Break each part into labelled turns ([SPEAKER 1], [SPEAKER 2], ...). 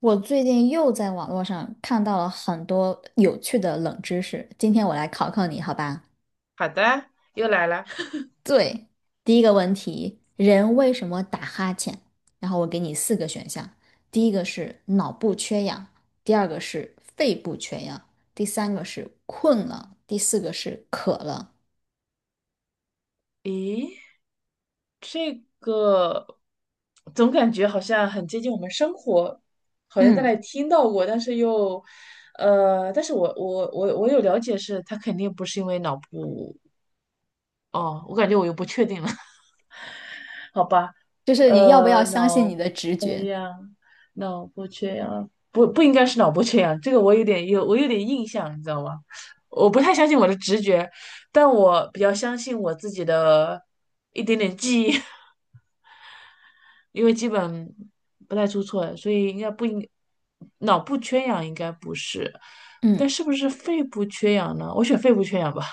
[SPEAKER 1] 我最近又在网络上看到了很多有趣的冷知识，今天我来考考你，好吧？
[SPEAKER 2] 好的，又来了。
[SPEAKER 1] 对，第一个问题，人为什么打哈欠？然后我给你四个选项，第一个是脑部缺氧，第二个是肺部缺氧，第三个是困了，第四个是渴了。
[SPEAKER 2] 咦，这个总感觉好像很接近我们生活，好像在哪
[SPEAKER 1] 嗯，
[SPEAKER 2] 里听到过，但是又，但是我有了解是，他肯定不是因为脑部。哦，我感觉我又不确定了。好吧。
[SPEAKER 1] 就是你要不要相信
[SPEAKER 2] 脑
[SPEAKER 1] 你的直
[SPEAKER 2] 缺
[SPEAKER 1] 觉？
[SPEAKER 2] 氧，脑部缺氧，不应该是脑部缺氧，这个我有点印象，你知道吗？我不太相信我的直觉，但我比较相信我自己的一点点记忆。因为基本不太出错，所以应该不应脑部缺氧应该不是，但
[SPEAKER 1] 嗯，
[SPEAKER 2] 是不是肺部缺氧呢？我选肺部缺氧吧。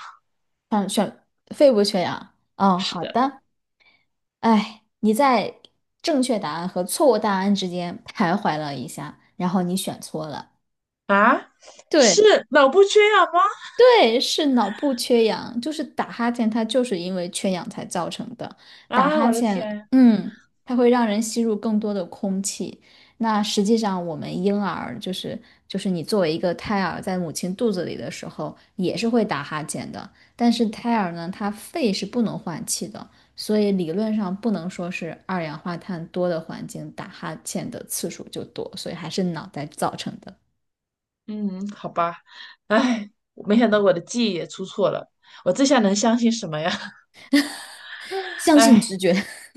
[SPEAKER 1] 肺部缺氧。哦，
[SPEAKER 2] 是
[SPEAKER 1] 好
[SPEAKER 2] 的。
[SPEAKER 1] 的。哎，你在正确答案和错误答案之间徘徊了一下，然后你选错了。
[SPEAKER 2] 啊，
[SPEAKER 1] 对，
[SPEAKER 2] 是脑部缺氧吗？
[SPEAKER 1] 对，是脑部缺氧，就是打哈欠，它就是因为缺氧才造成的。打
[SPEAKER 2] 啊，
[SPEAKER 1] 哈
[SPEAKER 2] 我的
[SPEAKER 1] 欠，
[SPEAKER 2] 天！
[SPEAKER 1] 嗯，它会让人吸入更多的空气。那实际上，我们婴儿就是你作为一个胎儿在母亲肚子里的时候，也是会打哈欠的。但是胎儿呢，它肺是不能换气的，所以理论上不能说是二氧化碳多的环境打哈欠的次数就多，所以还是脑袋造成的。
[SPEAKER 2] 嗯，好吧。哎，没想到我的记忆也出错了，我这下能相信什么呀？
[SPEAKER 1] 相信
[SPEAKER 2] 哎，
[SPEAKER 1] 直觉。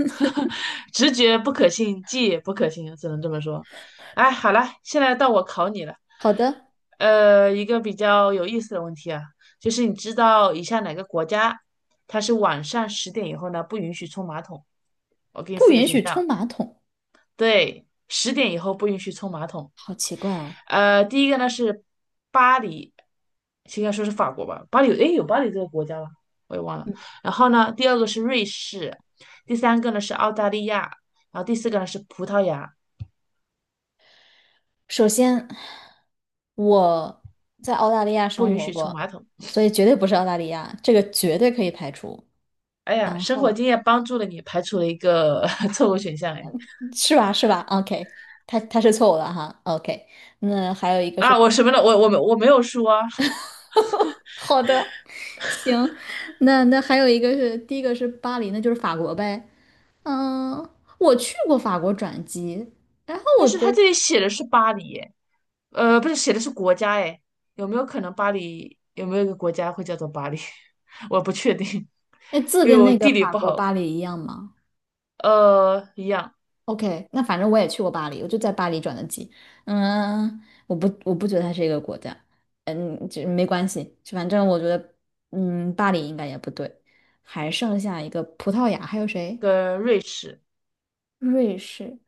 [SPEAKER 2] 直觉不可信，记忆也不可信，只能这么说。哎，好了，现在到我考你了。
[SPEAKER 1] 好的。
[SPEAKER 2] 一个比较有意思的问题啊，就是你知道以下哪个国家它是晚上10点以后呢不允许冲马桶？我给你
[SPEAKER 1] 不
[SPEAKER 2] 四个
[SPEAKER 1] 允
[SPEAKER 2] 选
[SPEAKER 1] 许
[SPEAKER 2] 项。
[SPEAKER 1] 冲马桶，
[SPEAKER 2] 对，十点以后不允许冲马桶。
[SPEAKER 1] 好奇怪啊！
[SPEAKER 2] 第一个呢是巴黎，应该说是法国吧？巴黎有，诶，有巴黎这个国家吗？我也忘了。
[SPEAKER 1] 嗯，
[SPEAKER 2] 然后呢，第二个是瑞士，第三个呢是澳大利亚，然后第四个呢是葡萄牙。
[SPEAKER 1] 首先我在澳大利亚
[SPEAKER 2] 不
[SPEAKER 1] 生
[SPEAKER 2] 允
[SPEAKER 1] 活
[SPEAKER 2] 许冲
[SPEAKER 1] 过，
[SPEAKER 2] 马桶。
[SPEAKER 1] 所以绝对不是澳大利亚，这个绝对可以排除，
[SPEAKER 2] 哎呀，生活经验帮助了你，排除了一个 错误选项。哎，
[SPEAKER 1] 是吧？是吧？OK，他是错误的哈。OK，那还有一个是
[SPEAKER 2] 啊，我什么了？我我没我没有说啊。
[SPEAKER 1] 好的，行，那那还有一个是第一个是巴黎，那就是法国呗。嗯，我去过法国转机，然后
[SPEAKER 2] 但
[SPEAKER 1] 我
[SPEAKER 2] 是
[SPEAKER 1] 觉
[SPEAKER 2] 他这
[SPEAKER 1] 得，
[SPEAKER 2] 里写的是巴黎，哎，不是写的是国家，哎，有没有可能巴黎有没有一个国家会叫做巴黎？我不确定，
[SPEAKER 1] 哎，字
[SPEAKER 2] 因为
[SPEAKER 1] 跟
[SPEAKER 2] 我
[SPEAKER 1] 那个
[SPEAKER 2] 地理
[SPEAKER 1] 法
[SPEAKER 2] 不
[SPEAKER 1] 国
[SPEAKER 2] 好。
[SPEAKER 1] 巴黎一样吗？
[SPEAKER 2] 一样。
[SPEAKER 1] OK，那反正我也去过巴黎，我就在巴黎转的机。嗯，我不，我不觉得它是一个国家。嗯，就没关系，反正我觉得，嗯，巴黎应该也不对。还剩下一个葡萄牙，还有谁？
[SPEAKER 2] 跟瑞士。
[SPEAKER 1] 瑞士。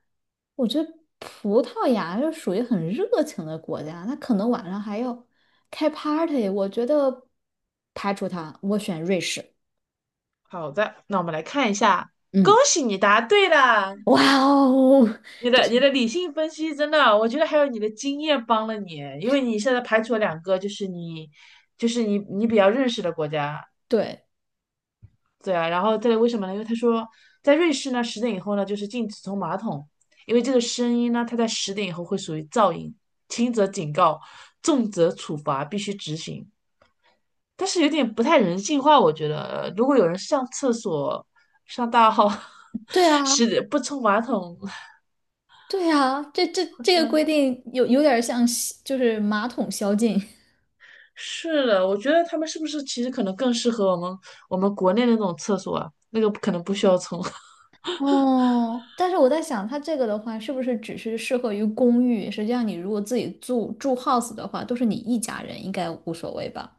[SPEAKER 1] 我觉得葡萄牙就属于很热情的国家，那可能晚上还要开 party。我觉得排除它，我选瑞士。
[SPEAKER 2] 好的，那我们来看一下，恭
[SPEAKER 1] 嗯，
[SPEAKER 2] 喜你答对了。
[SPEAKER 1] 哇哦，
[SPEAKER 2] 你的理性分析真的，我觉得还有你的经验帮了你，因为你现在排除了两个，就是你比较认识的国家。
[SPEAKER 1] 对，
[SPEAKER 2] 对啊。然后这里为什么呢？因为他说在瑞士呢，十点以后呢就是禁止冲马桶，因为这个声音呢，它在十点以后会属于噪音，轻则警告，重则处罚，必须执行。但是有点不太人性化，我觉得，如果有人上厕所上大号，
[SPEAKER 1] 对啊。
[SPEAKER 2] 是不冲马桶，
[SPEAKER 1] 对呀，这这
[SPEAKER 2] 好
[SPEAKER 1] 这个规
[SPEAKER 2] 像
[SPEAKER 1] 定有点像吸就是马桶宵禁。
[SPEAKER 2] 是的。我觉得他们是不是其实可能更适合我们国内的那种厕所啊？那个可能不需要冲。
[SPEAKER 1] 哦。但是我在想，它这个的话，是不是只是适合于公寓？实际上，你如果自己住 house 的话，都是你一家人，应该无所谓吧？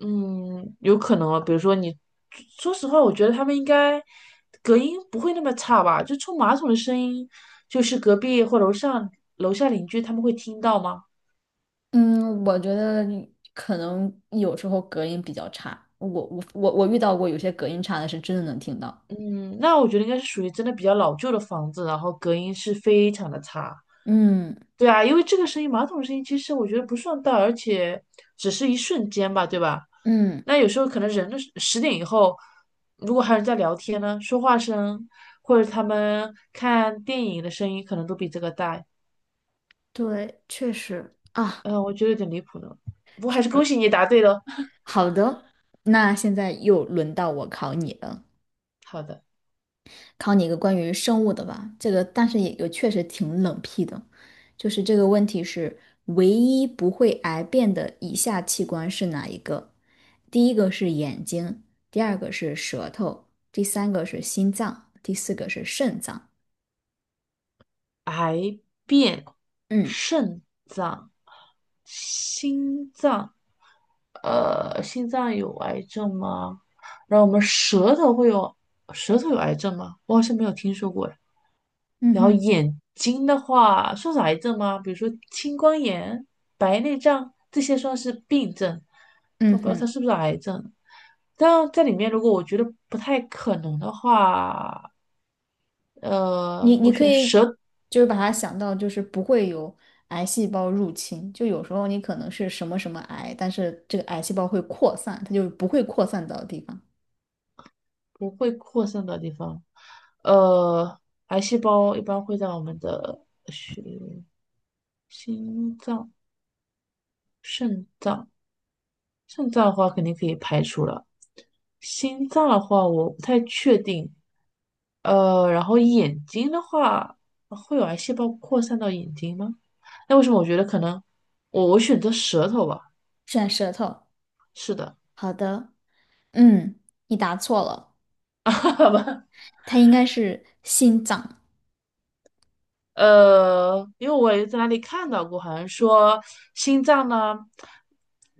[SPEAKER 2] 嗯，有可能啊。比如说你，说实话，我觉得他们应该隔音不会那么差吧？就冲马桶的声音，就是隔壁或楼上楼下邻居他们会听到吗？
[SPEAKER 1] 嗯，我觉得可能有时候隔音比较差，我遇到过有些隔音差的，是真的能听到。
[SPEAKER 2] 嗯，那我觉得应该是属于真的比较老旧的房子，然后隔音是非常的差。
[SPEAKER 1] 嗯，
[SPEAKER 2] 对啊，因为这个声音，马桶声音其实我觉得不算大，而且只是一瞬间吧，对吧？
[SPEAKER 1] 嗯，
[SPEAKER 2] 那有时候可能人的十点以后，如果还有人在聊天呢，说话声或者他们看电影的声音，可能都比这个大。
[SPEAKER 1] 对，确实啊，
[SPEAKER 2] 嗯，我觉得有点离谱呢。不过还是恭
[SPEAKER 1] 是
[SPEAKER 2] 喜你答对了。
[SPEAKER 1] 好的。那现在又轮到我考你了。
[SPEAKER 2] 好的。
[SPEAKER 1] 考你一个关于生物的吧，这个但是也确实挺冷僻的，就是这个问题是唯一不会癌变的以下器官是哪一个？第一个是眼睛，第二个是舌头，第三个是心脏，第四个是肾脏。
[SPEAKER 2] 癌变
[SPEAKER 1] 嗯，
[SPEAKER 2] 肾脏。心脏，心脏有癌症吗？然后我们舌头会有，舌头有癌症吗？我好像没有听说过哎。
[SPEAKER 1] 嗯
[SPEAKER 2] 然后
[SPEAKER 1] 哼，
[SPEAKER 2] 眼睛的话，算是癌症吗？比如说青光眼、白内障这些算是病症，但我
[SPEAKER 1] 嗯
[SPEAKER 2] 不知道它
[SPEAKER 1] 哼，
[SPEAKER 2] 是不是癌症。但在里面，如果我觉得不太可能的话，
[SPEAKER 1] 你你
[SPEAKER 2] 我
[SPEAKER 1] 可
[SPEAKER 2] 选
[SPEAKER 1] 以
[SPEAKER 2] 舌
[SPEAKER 1] 就是把它想到就是不会有癌细胞入侵，就有时候你可能是什么什么癌，但是这个癌细胞会扩散，它就不会扩散到的地方。
[SPEAKER 2] 不会扩散的地方。呃，癌细胞一般会在我们的血、心脏、肾脏，肾脏的话肯定可以排除了，心脏的话我不太确定。然后眼睛的话会有癌细胞扩散到眼睛吗？那为什么我觉得可能我选择舌头吧？
[SPEAKER 1] 选舌头。
[SPEAKER 2] 是的。
[SPEAKER 1] 好的，嗯，你答错了，
[SPEAKER 2] 好吧。
[SPEAKER 1] 它应该是心脏，
[SPEAKER 2] 因为我也在哪里看到过，好像说心脏呢，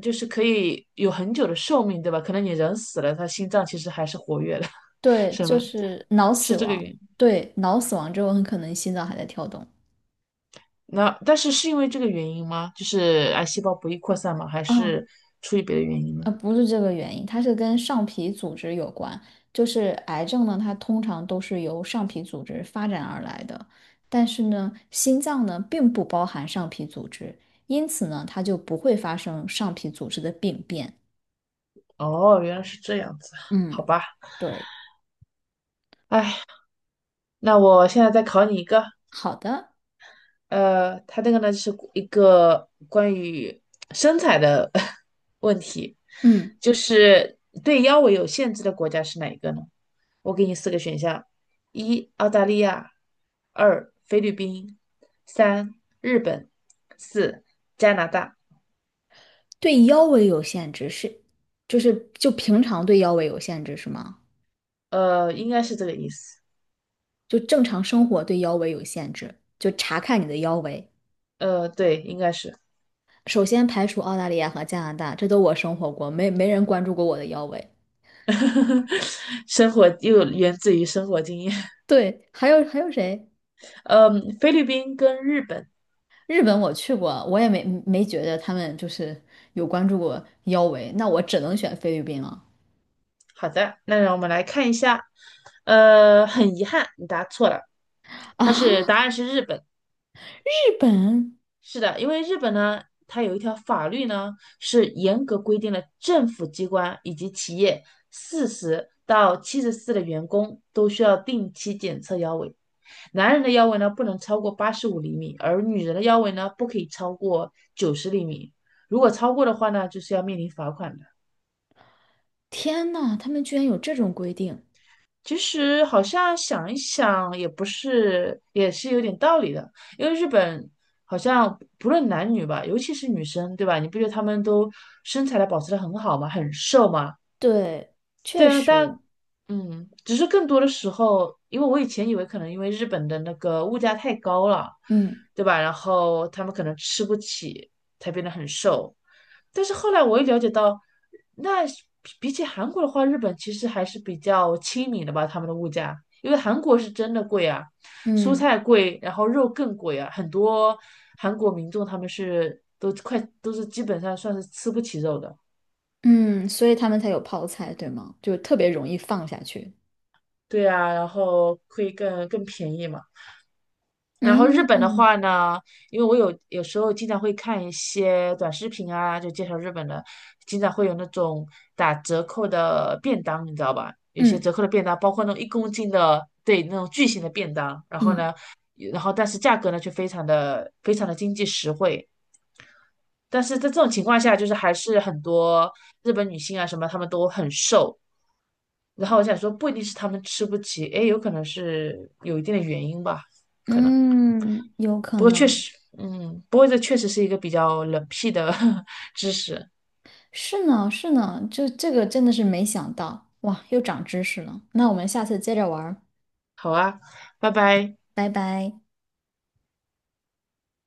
[SPEAKER 2] 就是可以有很久的寿命，对吧？可能你人死了，它心脏其实还是活跃的。
[SPEAKER 1] 对，
[SPEAKER 2] 什
[SPEAKER 1] 就
[SPEAKER 2] 么，
[SPEAKER 1] 是脑死
[SPEAKER 2] 是这个
[SPEAKER 1] 亡，
[SPEAKER 2] 原因
[SPEAKER 1] 对，脑死亡之后很可能心脏还在跳动。
[SPEAKER 2] 那但是是因为这个原因吗？就是癌细胞不易扩散吗？还
[SPEAKER 1] 啊，
[SPEAKER 2] 是出于别的原因呢？
[SPEAKER 1] 不是这个原因，它是跟上皮组织有关。就是癌症呢，它通常都是由上皮组织发展而来的，但是呢，心脏呢并不包含上皮组织，因此呢，它就不会发生上皮组织的病变。
[SPEAKER 2] 哦，原来是这样子，好
[SPEAKER 1] 嗯，
[SPEAKER 2] 吧。
[SPEAKER 1] 对，
[SPEAKER 2] 哎，那我现在再考你一个。
[SPEAKER 1] 好的，
[SPEAKER 2] 他这个呢是一个关于身材的 问题，
[SPEAKER 1] 嗯。
[SPEAKER 2] 就是对腰围有限制的国家是哪一个呢？我给你四个选项：一、澳大利亚；二、菲律宾；三、日本；四、加拿大。
[SPEAKER 1] 对腰围有限制是，就是就平常对腰围有限制是吗？
[SPEAKER 2] 应该是这个意思。
[SPEAKER 1] 就正常生活对腰围有限制，就查看你的腰围。
[SPEAKER 2] 对，应该是。
[SPEAKER 1] 首先排除澳大利亚和加拿大，这都我生活过，没人关注过我的腰围。
[SPEAKER 2] 生活又源自于生活经验。
[SPEAKER 1] 对，还有还有谁？
[SPEAKER 2] 嗯，菲律宾跟日本。
[SPEAKER 1] 日本我去过，我也没觉得他们就是有关注过腰围，那我只能选菲律宾了。
[SPEAKER 2] 好的，那让我们来看一下。很遗憾，你答错了，它是
[SPEAKER 1] 啊，
[SPEAKER 2] 答案是日本。
[SPEAKER 1] 日本，
[SPEAKER 2] 是的，因为日本呢，它有一条法律呢，是严格规定了政府机关以及企业40到74的员工都需要定期检测腰围。男人的腰围呢不能超过85厘米，而女人的腰围呢不可以超过90厘米。如果超过的话呢，就是要面临罚款的。
[SPEAKER 1] 天呐，他们居然有这种规定。
[SPEAKER 2] 其实好像想一想，也不是，也是有点道理的。因为日本好像不论男女吧，尤其是女生，对吧？你不觉得他们都身材的保持得很好吗？很瘦吗？
[SPEAKER 1] 对，
[SPEAKER 2] 对
[SPEAKER 1] 确
[SPEAKER 2] 啊，
[SPEAKER 1] 实，
[SPEAKER 2] 但嗯，只是更多的时候，因为我以前以为可能因为日本的那个物价太高了，
[SPEAKER 1] 嗯，
[SPEAKER 2] 对吧？然后他们可能吃不起，才变得很瘦。但是后来我也了解到，那是比起韩国的话，日本其实还是比较亲民的吧，他们的物价，因为韩国是真的贵啊，蔬
[SPEAKER 1] 嗯。
[SPEAKER 2] 菜贵，然后肉更贵啊，很多韩国民众他们是都是基本上算是吃不起肉的。
[SPEAKER 1] 嗯，所以他们才有泡菜，对吗？就特别容易放下去。
[SPEAKER 2] 对啊，然后会更便宜嘛。然后日
[SPEAKER 1] 嗯，
[SPEAKER 2] 本的
[SPEAKER 1] 嗯，
[SPEAKER 2] 话呢，因为我有时候经常会看一些短视频啊，就介绍日本的，经常会有那种打折扣的便当，你知道吧？有些
[SPEAKER 1] 嗯，
[SPEAKER 2] 折扣的便当，包括那种1公斤的，对，那种巨型的便当。然后
[SPEAKER 1] 嗯，
[SPEAKER 2] 呢，然后但是价格呢却非常的经济实惠。但是在这种情况下，就是还是很多日本女性啊什么，她们都很瘦。然后我想说，不一定是她们吃不起，诶，有可能是有一定的原因吧，可能。
[SPEAKER 1] 嗯，有可
[SPEAKER 2] 不过确
[SPEAKER 1] 能
[SPEAKER 2] 实，嗯，不过这确实是一个比较冷僻的 知识。
[SPEAKER 1] 是呢，是呢，这个真的是没想到，哇，又长知识了。那我们下次接着玩儿
[SPEAKER 2] 好啊，拜拜。
[SPEAKER 1] 拜拜。